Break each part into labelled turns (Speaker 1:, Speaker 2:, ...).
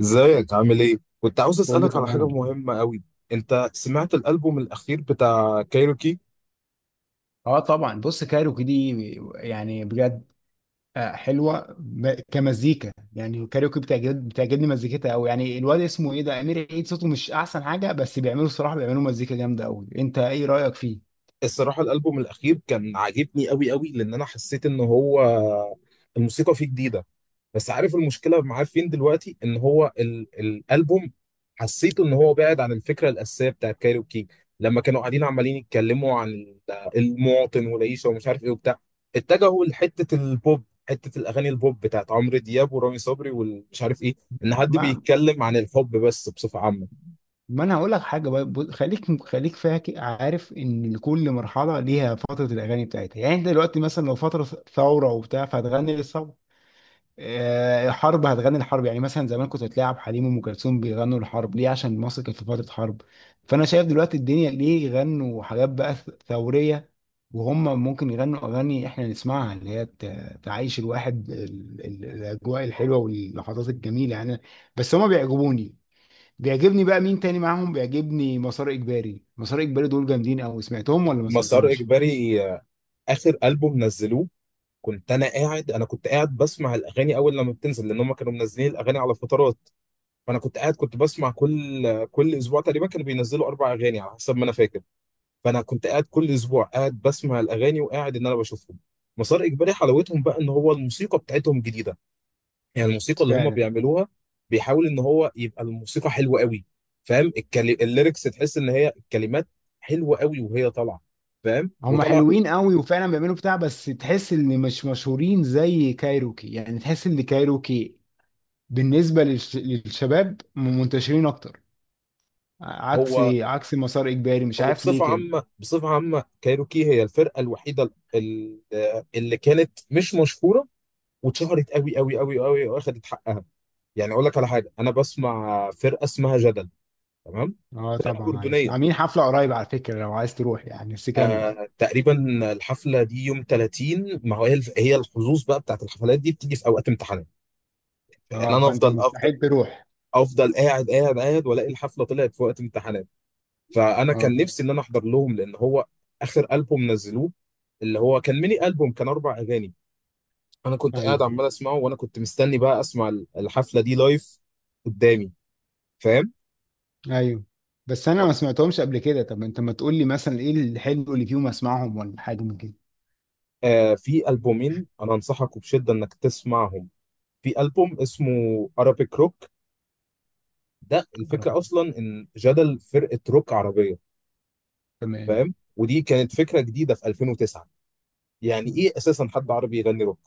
Speaker 1: ازيك عامل ايه؟ كنت عاوز
Speaker 2: كله
Speaker 1: اسألك على حاجة
Speaker 2: تمام.
Speaker 1: مهمة قوي. انت سمعت الألبوم الأخير بتاع كايروكي؟
Speaker 2: اه طبعا، بص كايروكي دي يعني بجد. حلوه كمزيكا يعني، كايروكي بتعجبني مزيكتها قوي. يعني الواد اسمه ايه ده؟ امير عيد صوته مش احسن حاجه، بس بيعملوا، الصراحه بيعملوا مزيكا جامده قوي. انت ايه رايك فيه؟
Speaker 1: الصراحة الألبوم الأخير كان عاجبني أوي أوي، لأن أنا حسيت إن هو الموسيقى فيه جديدة. بس عارف المشكلة معاه فين دلوقتي، إن هو الألبوم حسيته إن هو بعد عن الفكرة الأساسية بتاعت كايروكي. لما كانوا قاعدين عمالين يتكلموا عن المواطن والعيشة ومش عارف إيه وبتاع، اتجهوا لحتة البوب، حتة الأغاني البوب بتاعت عمرو دياب ورامي صبري ومش عارف إيه، إن حد
Speaker 2: ما
Speaker 1: بيتكلم عن الحب بس بصفة عامة.
Speaker 2: ما انا هقول لك حاجه بقى. خليك خليك فاكر، عارف ان كل مرحله ليها فتره الاغاني بتاعتها. يعني انت دلوقتي مثلا لو فتره ثوره وبتاع، فهتغني للثوره. حرب، هتغني الحرب. يعني مثلا زمان كنت تلاعب حليم وام كلثوم بيغنوا الحرب ليه؟ عشان مصر كانت في فتره حرب. فانا شايف دلوقتي الدنيا ليه يغنوا حاجات بقى ثوريه. وهم ممكن يغنوا اغاني احنا نسمعها، اللي هي تعيش الواحد الاجواء الحلوه واللحظات الجميله يعني. بس هم بيعجبوني. بيعجبني بقى مين تاني معاهم؟ بيعجبني مسار اجباري. مسار اجباري دول جامدين قوي. سمعتهم ولا ما
Speaker 1: مسار
Speaker 2: سمعتهمش؟
Speaker 1: إجباري، آه، آخر ألبوم نزلوه. كنت قاعد بسمع الاغاني اول لما بتنزل، لان هم كانوا منزلين الاغاني على فترات. فانا كنت بسمع كل اسبوع تقريبا كانوا بينزلوا 4 اغاني على حسب ما انا فاكر. فانا كنت قاعد كل اسبوع قاعد بسمع الاغاني وقاعد ان انا بشوفهم. مسار اجباري حلاوتهم بقى ان هو الموسيقى بتاعتهم جديده، يعني الموسيقى اللي هم
Speaker 2: فعلا.
Speaker 1: بيعملوها بيحاول ان هو يبقى الموسيقى حلوه قوي. فاهم؟ الليركس، تحس ان هي الكلمات حلوه قوي وهي طالعه. فاهم؟
Speaker 2: هم
Speaker 1: وطلع.
Speaker 2: حلوين قوي، وفعلا بيعملوا بتاع، بس تحس ان مش مشهورين زي كايروكي. يعني تحس ان كايروكي بالنسبه للشباب منتشرين اكتر،
Speaker 1: هو
Speaker 2: عكس مسار اجباري، مش عارف ليه
Speaker 1: وبصفة
Speaker 2: كده.
Speaker 1: عامة، بصفة عامة كايروكي هي الفرقة الوحيدة اللي كانت مش مشهورة واتشهرت قوي قوي قوي قوي واخدت حقها. يعني اقول لك على حاجة، انا بسمع فرقة اسمها جدل. تمام.
Speaker 2: اه
Speaker 1: فرقة
Speaker 2: طبعا. معلش،
Speaker 1: أردنية.
Speaker 2: عاملين حفله قريب على فكره لو عايز تروح يعني، بس كمل.
Speaker 1: آه تقريبا. الحفلة دي يوم 30، ما هو هي هي الحظوظ بقى بتاعت الحفلات دي بتيجي في اوقات امتحانات. يعني
Speaker 2: اه،
Speaker 1: انا
Speaker 2: فانت
Speaker 1: افضل افضل
Speaker 2: مستحيل تروح.
Speaker 1: افضل قاعد قاعد قاعد والاقي الحفلة طلعت في وقت امتحانات. فانا
Speaker 2: اه.
Speaker 1: كان نفسي ان انا احضر لهم، لان هو اخر البوم نزلوه، اللي هو كان ميني البوم كان 4 اغاني. انا كنت قاعد
Speaker 2: ايوه.
Speaker 1: عمال اسمعه وانا كنت مستني بقى اسمع الحفله دي لايف قدامي. فاهم؟
Speaker 2: ايوه، بس انا ما سمعتهمش قبل كده. طب انت ما تقول لي مثلا ايه الحلو اللي فيهم، اسمعهم ولا حاجه من كده.
Speaker 1: آه، في البومين انا انصحك بشده انك تسمعهم. في البوم اسمه ارابيك روك. ده
Speaker 2: يا رب.
Speaker 1: الفكره اصلا ان جدل فرقه روك عربيه.
Speaker 2: تمام.
Speaker 1: فاهم؟ ودي كانت فكره جديده في 2009، يعني
Speaker 2: ما
Speaker 1: ايه اساسا حد عربي يغني روك؟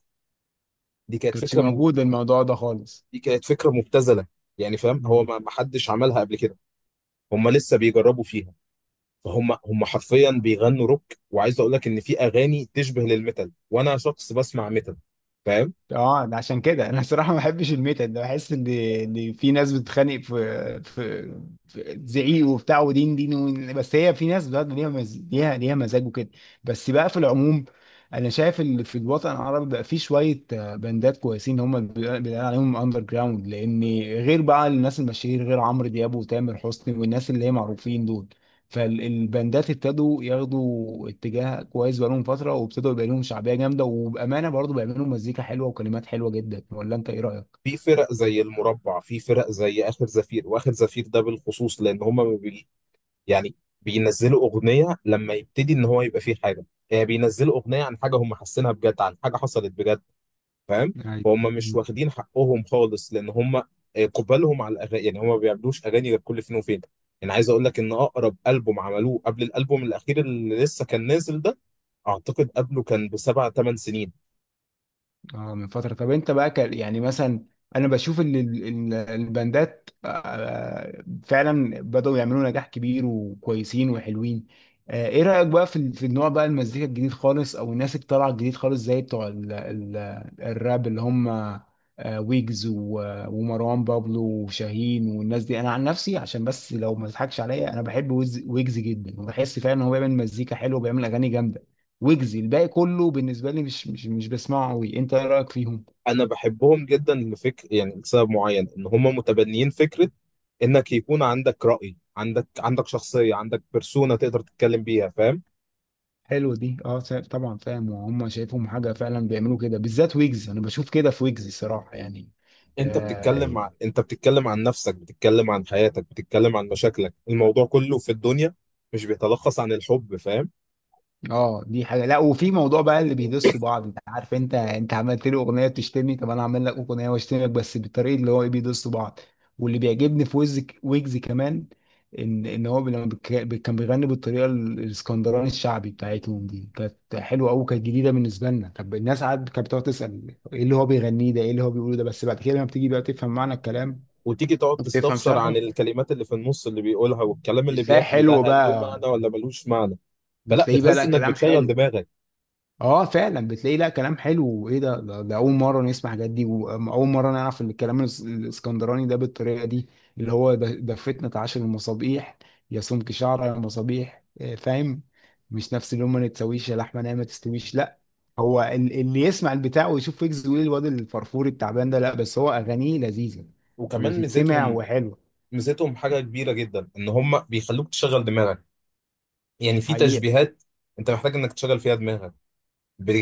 Speaker 1: دي كانت
Speaker 2: كانتش
Speaker 1: فكره
Speaker 2: موجود الموضوع ده خالص.
Speaker 1: دي كانت فكرة مبتذلة، يعني فاهم هو
Speaker 2: مم.
Speaker 1: ما حدش عملها قبل كده. هم لسه بيجربوا فيها، فهم هم حرفيا بيغنوا روك. وعايز اقول لك ان في اغاني تشبه للميتال، وانا شخص بسمع ميتال. فاهم؟
Speaker 2: اه، ده عشان كده انا الصراحه ما بحبش الميتال ده. بحس ان ان في ناس بتتخانق في زعيق وبتاع ودين دين بس هي في ناس بقى ليها ليها مزاج وكده. بس بقى في العموم، انا شايف ان في الوطن العربي بقى في شويه باندات كويسين، هم اللي بيقال عليهم اندر جراوند. لان غير بقى الناس المشاهير، غير عمرو دياب وتامر حسني والناس اللي هي معروفين دول، فالباندات ابتدوا ياخدوا اتجاه كويس بقالهم فترة، وابتدوا يبقى لهم شعبية جامدة، وبأمانة برضو بيعملوا مزيكا حلوة وكلمات حلوة جدا. ولا انت ايه رأيك؟
Speaker 1: في فرق زي المربع، في فرق زي اخر زفير، واخر زفير ده بالخصوص لان هم يعني بينزلوا اغنية لما يبتدي ان هو يبقى فيه حاجة، يعني بينزلوا اغنية عن حاجة هم حاسينها بجد، عن حاجة حصلت بجد. فاهم؟ فهم مش
Speaker 2: أيوة.
Speaker 1: واخدين حقهم خالص، لان هم قبالهم على الاغاني، يعني هم ما بيعملوش اغاني غير كل فين وفين. يعني عايز اقول لك ان اقرب البوم عملوه قبل الالبوم الاخير اللي لسه كان نازل ده، اعتقد قبله كان ب7 8 سنين.
Speaker 2: اه، من فترة. طب انت بقى كان يعني مثلا، انا بشوف ان الباندات فعلا بدأوا يعملوا نجاح كبير وكويسين وحلوين. ايه رأيك بقى في ال- في النوع بقى المزيكا الجديد خالص، او الناس اللي طالعة الجديد خالص زي بتوع الراب، اللي هم ويجز ومروان بابلو وشاهين والناس دي. انا عن نفسي، عشان بس لو ما تضحكش عليا، انا بحب ويجز جدا، وبحس فعلا ان هو بيعمل مزيكا حلوه وبيعمل اغاني جامده. ويجزي الباقي كله بالنسبه لي مش بسمعه قوي. انت ايه رايك فيهم؟
Speaker 1: انا بحبهم جدا لفكر، يعني لسبب معين ان هم متبنيين فكره، انك يكون عندك راي، عندك شخصيه، عندك بيرسونا تقدر تتكلم بيها. فاهم؟
Speaker 2: حلو دي. اه طبعا فاهم. وهم شايفهم حاجه فعلا بيعملوا كده، بالذات ويجز انا بشوف كده في ويجز الصراحه يعني.
Speaker 1: انت بتتكلم عن
Speaker 2: آه.
Speaker 1: انت بتتكلم عن نفسك، بتتكلم عن حياتك، بتتكلم عن مشاكلك، الموضوع كله في الدنيا مش بيتلخص عن الحب. فاهم؟
Speaker 2: اه دي حاجه. لا، وفي موضوع بقى اللي بيدس بعض. انت عارف؟ انت عملت لي اغنيه بتشتمني، طب انا اعمل لك اغنيه واشتمك، بس بالطريقه اللي هو ايه، بيدس بعض. واللي بيعجبني في ويجز، ويجز كمان، ان هو كان بيغني بالطريقه الاسكندراني الشعبي بتاعتهم دي، كانت حلوه قوي، كانت جديده بالنسبه لنا. طب الناس قعدت كانت بتقعد تسال ايه اللي هو بيغنيه ده، ايه اللي هو بيقوله ده. بس بعد كده لما بتيجي بقى تفهم معنى الكلام
Speaker 1: وتيجي تقعد
Speaker 2: وبتفهم
Speaker 1: تستفسر عن
Speaker 2: شرحه،
Speaker 1: الكلمات اللي في النص اللي بيقولها، والكلام اللي
Speaker 2: بتلاقي
Speaker 1: بياكله ده
Speaker 2: حلو
Speaker 1: هل له
Speaker 2: بقى،
Speaker 1: معنى ولا ملوش معنى، فلا
Speaker 2: بتلاقيه بقى
Speaker 1: بتحس
Speaker 2: لا
Speaker 1: انك
Speaker 2: كلام
Speaker 1: بتشغل
Speaker 2: حلو.
Speaker 1: دماغك.
Speaker 2: اه فعلا، بتلاقي لا كلام حلو وايه ده. ده اول مره نسمع الحاجات دي، واول مره نعرف ان الكلام الاسكندراني ده بالطريقه دي اللي هو. ده فتنه عشر المصابيح، يا سمك شعره يا مصابيح. فاهم؟ مش نفس اللي هم ما تسويش يا لحمه نايمه ما تستويش، لا. هو ال- اللي يسمع البتاع ويشوف ويجز ويقول الواد الفرفور التعبان ده، لا بس هو اغانيه لذيذه
Speaker 1: وكمان
Speaker 2: وتتسمع
Speaker 1: ميزتهم
Speaker 2: وحلوه.
Speaker 1: ميزتهم حاجة كبيرة جدا، ان هم بيخلوك تشغل دماغك. يعني في
Speaker 2: حقيقه.
Speaker 1: تشبيهات انت محتاج انك تشغل فيها دماغك،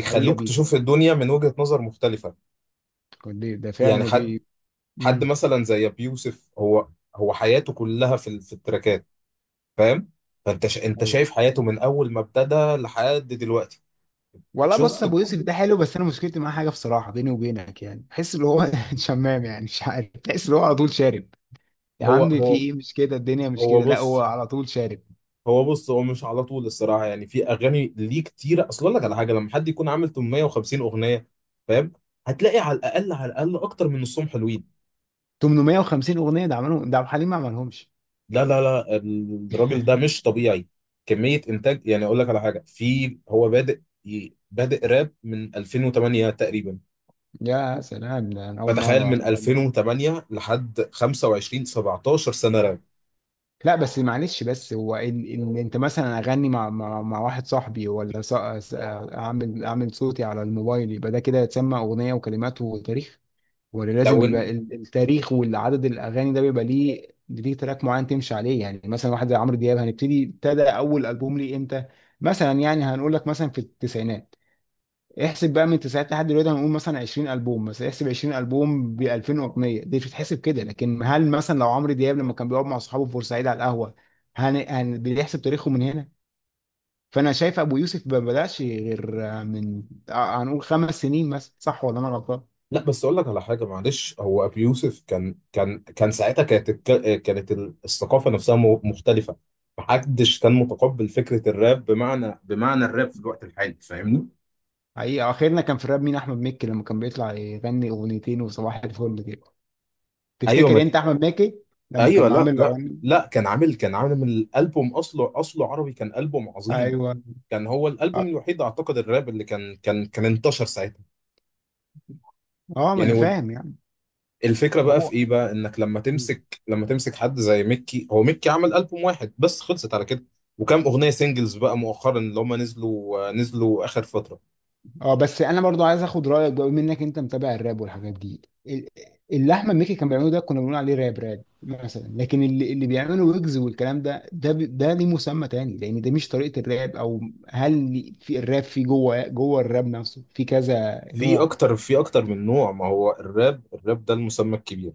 Speaker 2: حقيقه بي،
Speaker 1: تشوف الدنيا من وجهة نظر مختلفة.
Speaker 2: ده ده
Speaker 1: يعني
Speaker 2: فعلا،
Speaker 1: حد
Speaker 2: وبي.
Speaker 1: حد
Speaker 2: مم.
Speaker 1: مثلا زي ابي يوسف، هو حياته كلها في التراكات. فاهم؟ فانت انت
Speaker 2: أيوه.
Speaker 1: شايف حياته من اول ما ابتدى لحد دلوقتي.
Speaker 2: والله بص،
Speaker 1: شفت
Speaker 2: ابو يوسف
Speaker 1: كل-
Speaker 2: ده حلو، بس انا مشكلتي معاه حاجه بصراحه بيني وبينك. يعني بحس ان هو شمام يعني، مش عارف، بحس ان هو على طول شارب. يا
Speaker 1: هو
Speaker 2: عم في
Speaker 1: هو
Speaker 2: ايه؟ مش كده الدنيا، مش
Speaker 1: هو
Speaker 2: كده، لا هو
Speaker 1: بص
Speaker 2: على طول شارب.
Speaker 1: هو بص، هو مش على طول الصراحه، يعني في اغاني ليه كتيره. اصل اقول لك على حاجه لما حد يكون عامل 850 اغنيه. فاهم؟ هتلاقي على الاقل، على الاقل اكتر من نصهم حلوين.
Speaker 2: 850 اغنيه ده عملهم؟ ده عبد الحليم ما عملهمش.
Speaker 1: لا لا لا، الراجل ده مش طبيعي، كميه انتاج. يعني اقول لك على حاجه، في هو بادئ راب من 2008 تقريبا،
Speaker 2: يا سلام، ده انا اول
Speaker 1: فتخيل
Speaker 2: مره أعرف
Speaker 1: من
Speaker 2: ده.
Speaker 1: 2008 لحد 25 17 سنه راب.
Speaker 2: لا بس معلش، بس هو إن انت مثلا اغني مع واحد صاحبي، ولا اعمل صوتي على الموبايل، يبقى ده كده يتسمى اغنيه وكلمات وتاريخ؟ ولا لازم
Speaker 1: لو
Speaker 2: يبقى
Speaker 1: إن...
Speaker 2: ال- التاريخ والعدد الاغاني ده بيبقى ليه، تراك معين تمشي عليه. يعني مثلا واحد زي عمرو دياب هنبتدي ابتدى اول البوم ليه امتى؟ مثلا يعني هنقول لك مثلا في التسعينات. احسب بقى من التسعينات لحد دلوقتي، هنقول مثلا 20 البوم. مثلا احسب 20 البوم ب 2000 اغنيه، دي بتتحسب كده. لكن هل مثلا لو عمرو دياب لما كان بيقعد مع اصحابه في بورسعيد على القهوه بيحسب تاريخه من هنا؟ فانا شايف ابو يوسف ما بداش غير من هنقول خمس سنين مثلا، صح ولا انا غلطان؟
Speaker 1: لا، بس اقول لك على حاجه معلش. هو ابي يوسف كان ساعتها كانت كانت الثقافه نفسها مختلفه. محدش كان متقبل فكره الراب، بمعنى الراب في الوقت الحالي. فاهمني؟
Speaker 2: حقيقة آخرنا كان في الراب مين؟ أحمد مكي، لما كان بيطلع يغني أغنيتين وصباح الفل كده.
Speaker 1: ايوه، ما
Speaker 2: تفتكر أنت أحمد مكي لما
Speaker 1: ايوه.
Speaker 2: كان
Speaker 1: لا
Speaker 2: عامل
Speaker 1: لا
Speaker 2: أغاني؟
Speaker 1: لا، كان عامل من الالبوم، اصله عربي، كان البوم عظيم.
Speaker 2: أيوه.
Speaker 1: كان هو
Speaker 2: أه.
Speaker 1: الالبوم الوحيد اعتقد الراب اللي كان انتشر ساعتها.
Speaker 2: ما أنا
Speaker 1: يعني
Speaker 2: فاهم يعني.
Speaker 1: الفكرة بقى في
Speaker 2: هو.
Speaker 1: ايه بقى، انك لما تمسك حد زي ميكي، هو ميكي عمل ألبوم واحد بس خلصت على كده، وكام أغنية سينجلز بقى مؤخرا اللي هم نزلوا آخر فترة.
Speaker 2: أه بس أنا برضو عايز آخد رأيك بقى، بما إنك أنت متابع الراب والحاجات دي. ال- اللي أحمد مكي كان بيعمله ده كنا بنقول عليه راب، راب مثلا. لكن اللي بيعمله ويجز والكلام ده ده ده ليه مسمى تاني؟ لأن ده مش طريقة الراب. أو في الراب في جوه الراب نفسه في كذا نوع؟
Speaker 1: في اكتر من نوع، ما هو الراب ده المسمى الكبير.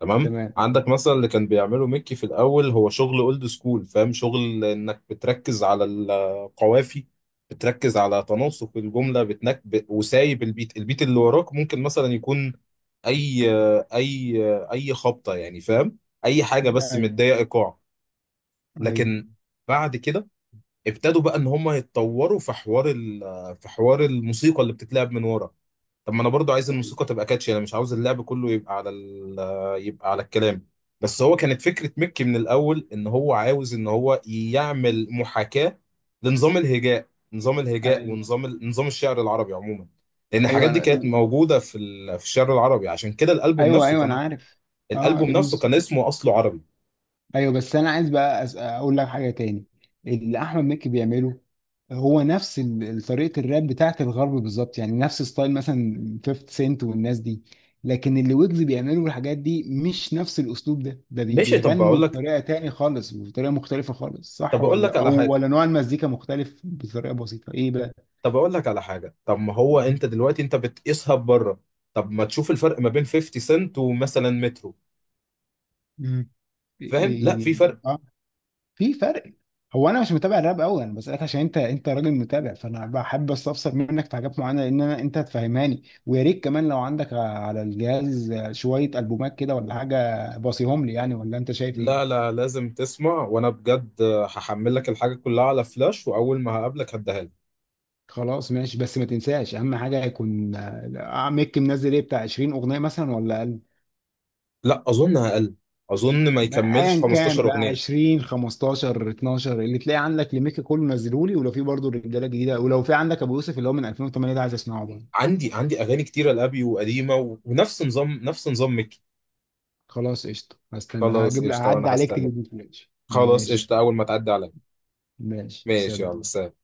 Speaker 1: تمام.
Speaker 2: تمام.
Speaker 1: عندك مثلا اللي كان بيعمله ميكي في الأول، هو شغل اولد سكول. فاهم؟ شغل انك بتركز على القوافي، بتركز على تناسق الجملة، وسايب البيت اللي وراك ممكن مثلا يكون اي اي اي خبطه، يعني فاهم اي حاجه بس
Speaker 2: ايوه.
Speaker 1: متضايق ايقاع.
Speaker 2: ايوه.
Speaker 1: لكن بعد كده ابتدوا بقى ان هم يتطوروا في حوار في حوار الموسيقى اللي بتتلعب من ورا. طب ما انا برضو عايز الموسيقى تبقى كاتشي، انا مش عاوز اللعب كله يبقى على يبقى على الكلام. بس هو كانت فكره مكي من الاول ان هو عاوز ان هو يعمل محاكاه لنظام الهجاء، نظام الهجاء
Speaker 2: ايوه.
Speaker 1: ونظام نظام الشعر العربي عموما، لان
Speaker 2: ايوه
Speaker 1: الحاجات دي
Speaker 2: أنا...
Speaker 1: كانت موجوده في الشعر العربي. عشان كده
Speaker 2: ايوه، ايوه انا عارف. اه
Speaker 1: الالبوم
Speaker 2: ابن
Speaker 1: نفسه كان اسمه اصله عربي.
Speaker 2: ايوه بس انا عايز بقى اقول لك حاجه تاني. اللي احمد مكي بيعمله هو نفس ال- طريقه الراب بتاعت الغرب بالظبط، يعني نفس ستايل مثلا 50 سنت والناس دي. لكن اللي ويجز بيعملوا الحاجات دي مش نفس الاسلوب ده. ده
Speaker 1: ماشي.
Speaker 2: بيغنوا بطريقه تاني خالص، بطريقه مختلفه خالص، صح
Speaker 1: طب اقول لك
Speaker 2: ولا؟
Speaker 1: على
Speaker 2: او
Speaker 1: حاجه
Speaker 2: ولا نوع المزيكا مختلف بطريقه بسيطه، ايه بقى؟
Speaker 1: طب اقول لك على حاجه، طب ما هو
Speaker 2: امم.
Speaker 1: انت دلوقتي انت بتقيسها بره. طب ما تشوف الفرق ما بين 50 سنت ومثلا مترو.
Speaker 2: امم. إيه...
Speaker 1: فاهم؟ لا،
Speaker 2: إيه... إيه.
Speaker 1: في فرق.
Speaker 2: آه. في فرق. هو انا مش متابع الراب قوي، انا بسالك عشان انت راجل متابع، فانا بحب استفسر منك في حاجات معينه، لان انا انت هتفهماني. ويا ريت كمان لو عندك على الجهاز شويه البومات كده ولا حاجه، باصيهم لي يعني، ولا انت شايف
Speaker 1: لا
Speaker 2: ايه؟
Speaker 1: لا، لازم تسمع، وانا بجد هحمل لك الحاجه كلها على فلاش، واول ما هقابلك هديها لك.
Speaker 2: خلاص ماشي، بس ما تنساش اهم حاجه يكون ميك منزل ايه، بتاع 20 اغنيه مثلا ولا اقل؟
Speaker 1: لا اظن اقل، اظن ما يكملش
Speaker 2: ايا كان
Speaker 1: 15
Speaker 2: بقى،
Speaker 1: اغنيه.
Speaker 2: 20 15 12 اللي تلاقي عندك لميك كله نزله لي. ولو في برضه رجاله جديده، ولو في عندك ابو يوسف اللي هو من 2008 ده، عايز اسمعه برضه.
Speaker 1: عندي اغاني كتيره لابي وقديمه ونفس نظام، نفس نظام ميكي.
Speaker 2: خلاص قشطة، هستنى
Speaker 1: خلاص
Speaker 2: هجيب لك،
Speaker 1: قشطه
Speaker 2: هعدي
Speaker 1: وانا
Speaker 2: عليك
Speaker 1: هستنى.
Speaker 2: تجيب لي فلاش،
Speaker 1: خلاص
Speaker 2: ماشي.
Speaker 1: قشطه اول ما تعدي عليا.
Speaker 2: ماشي
Speaker 1: ماشي،
Speaker 2: سلام.
Speaker 1: يلا سلام.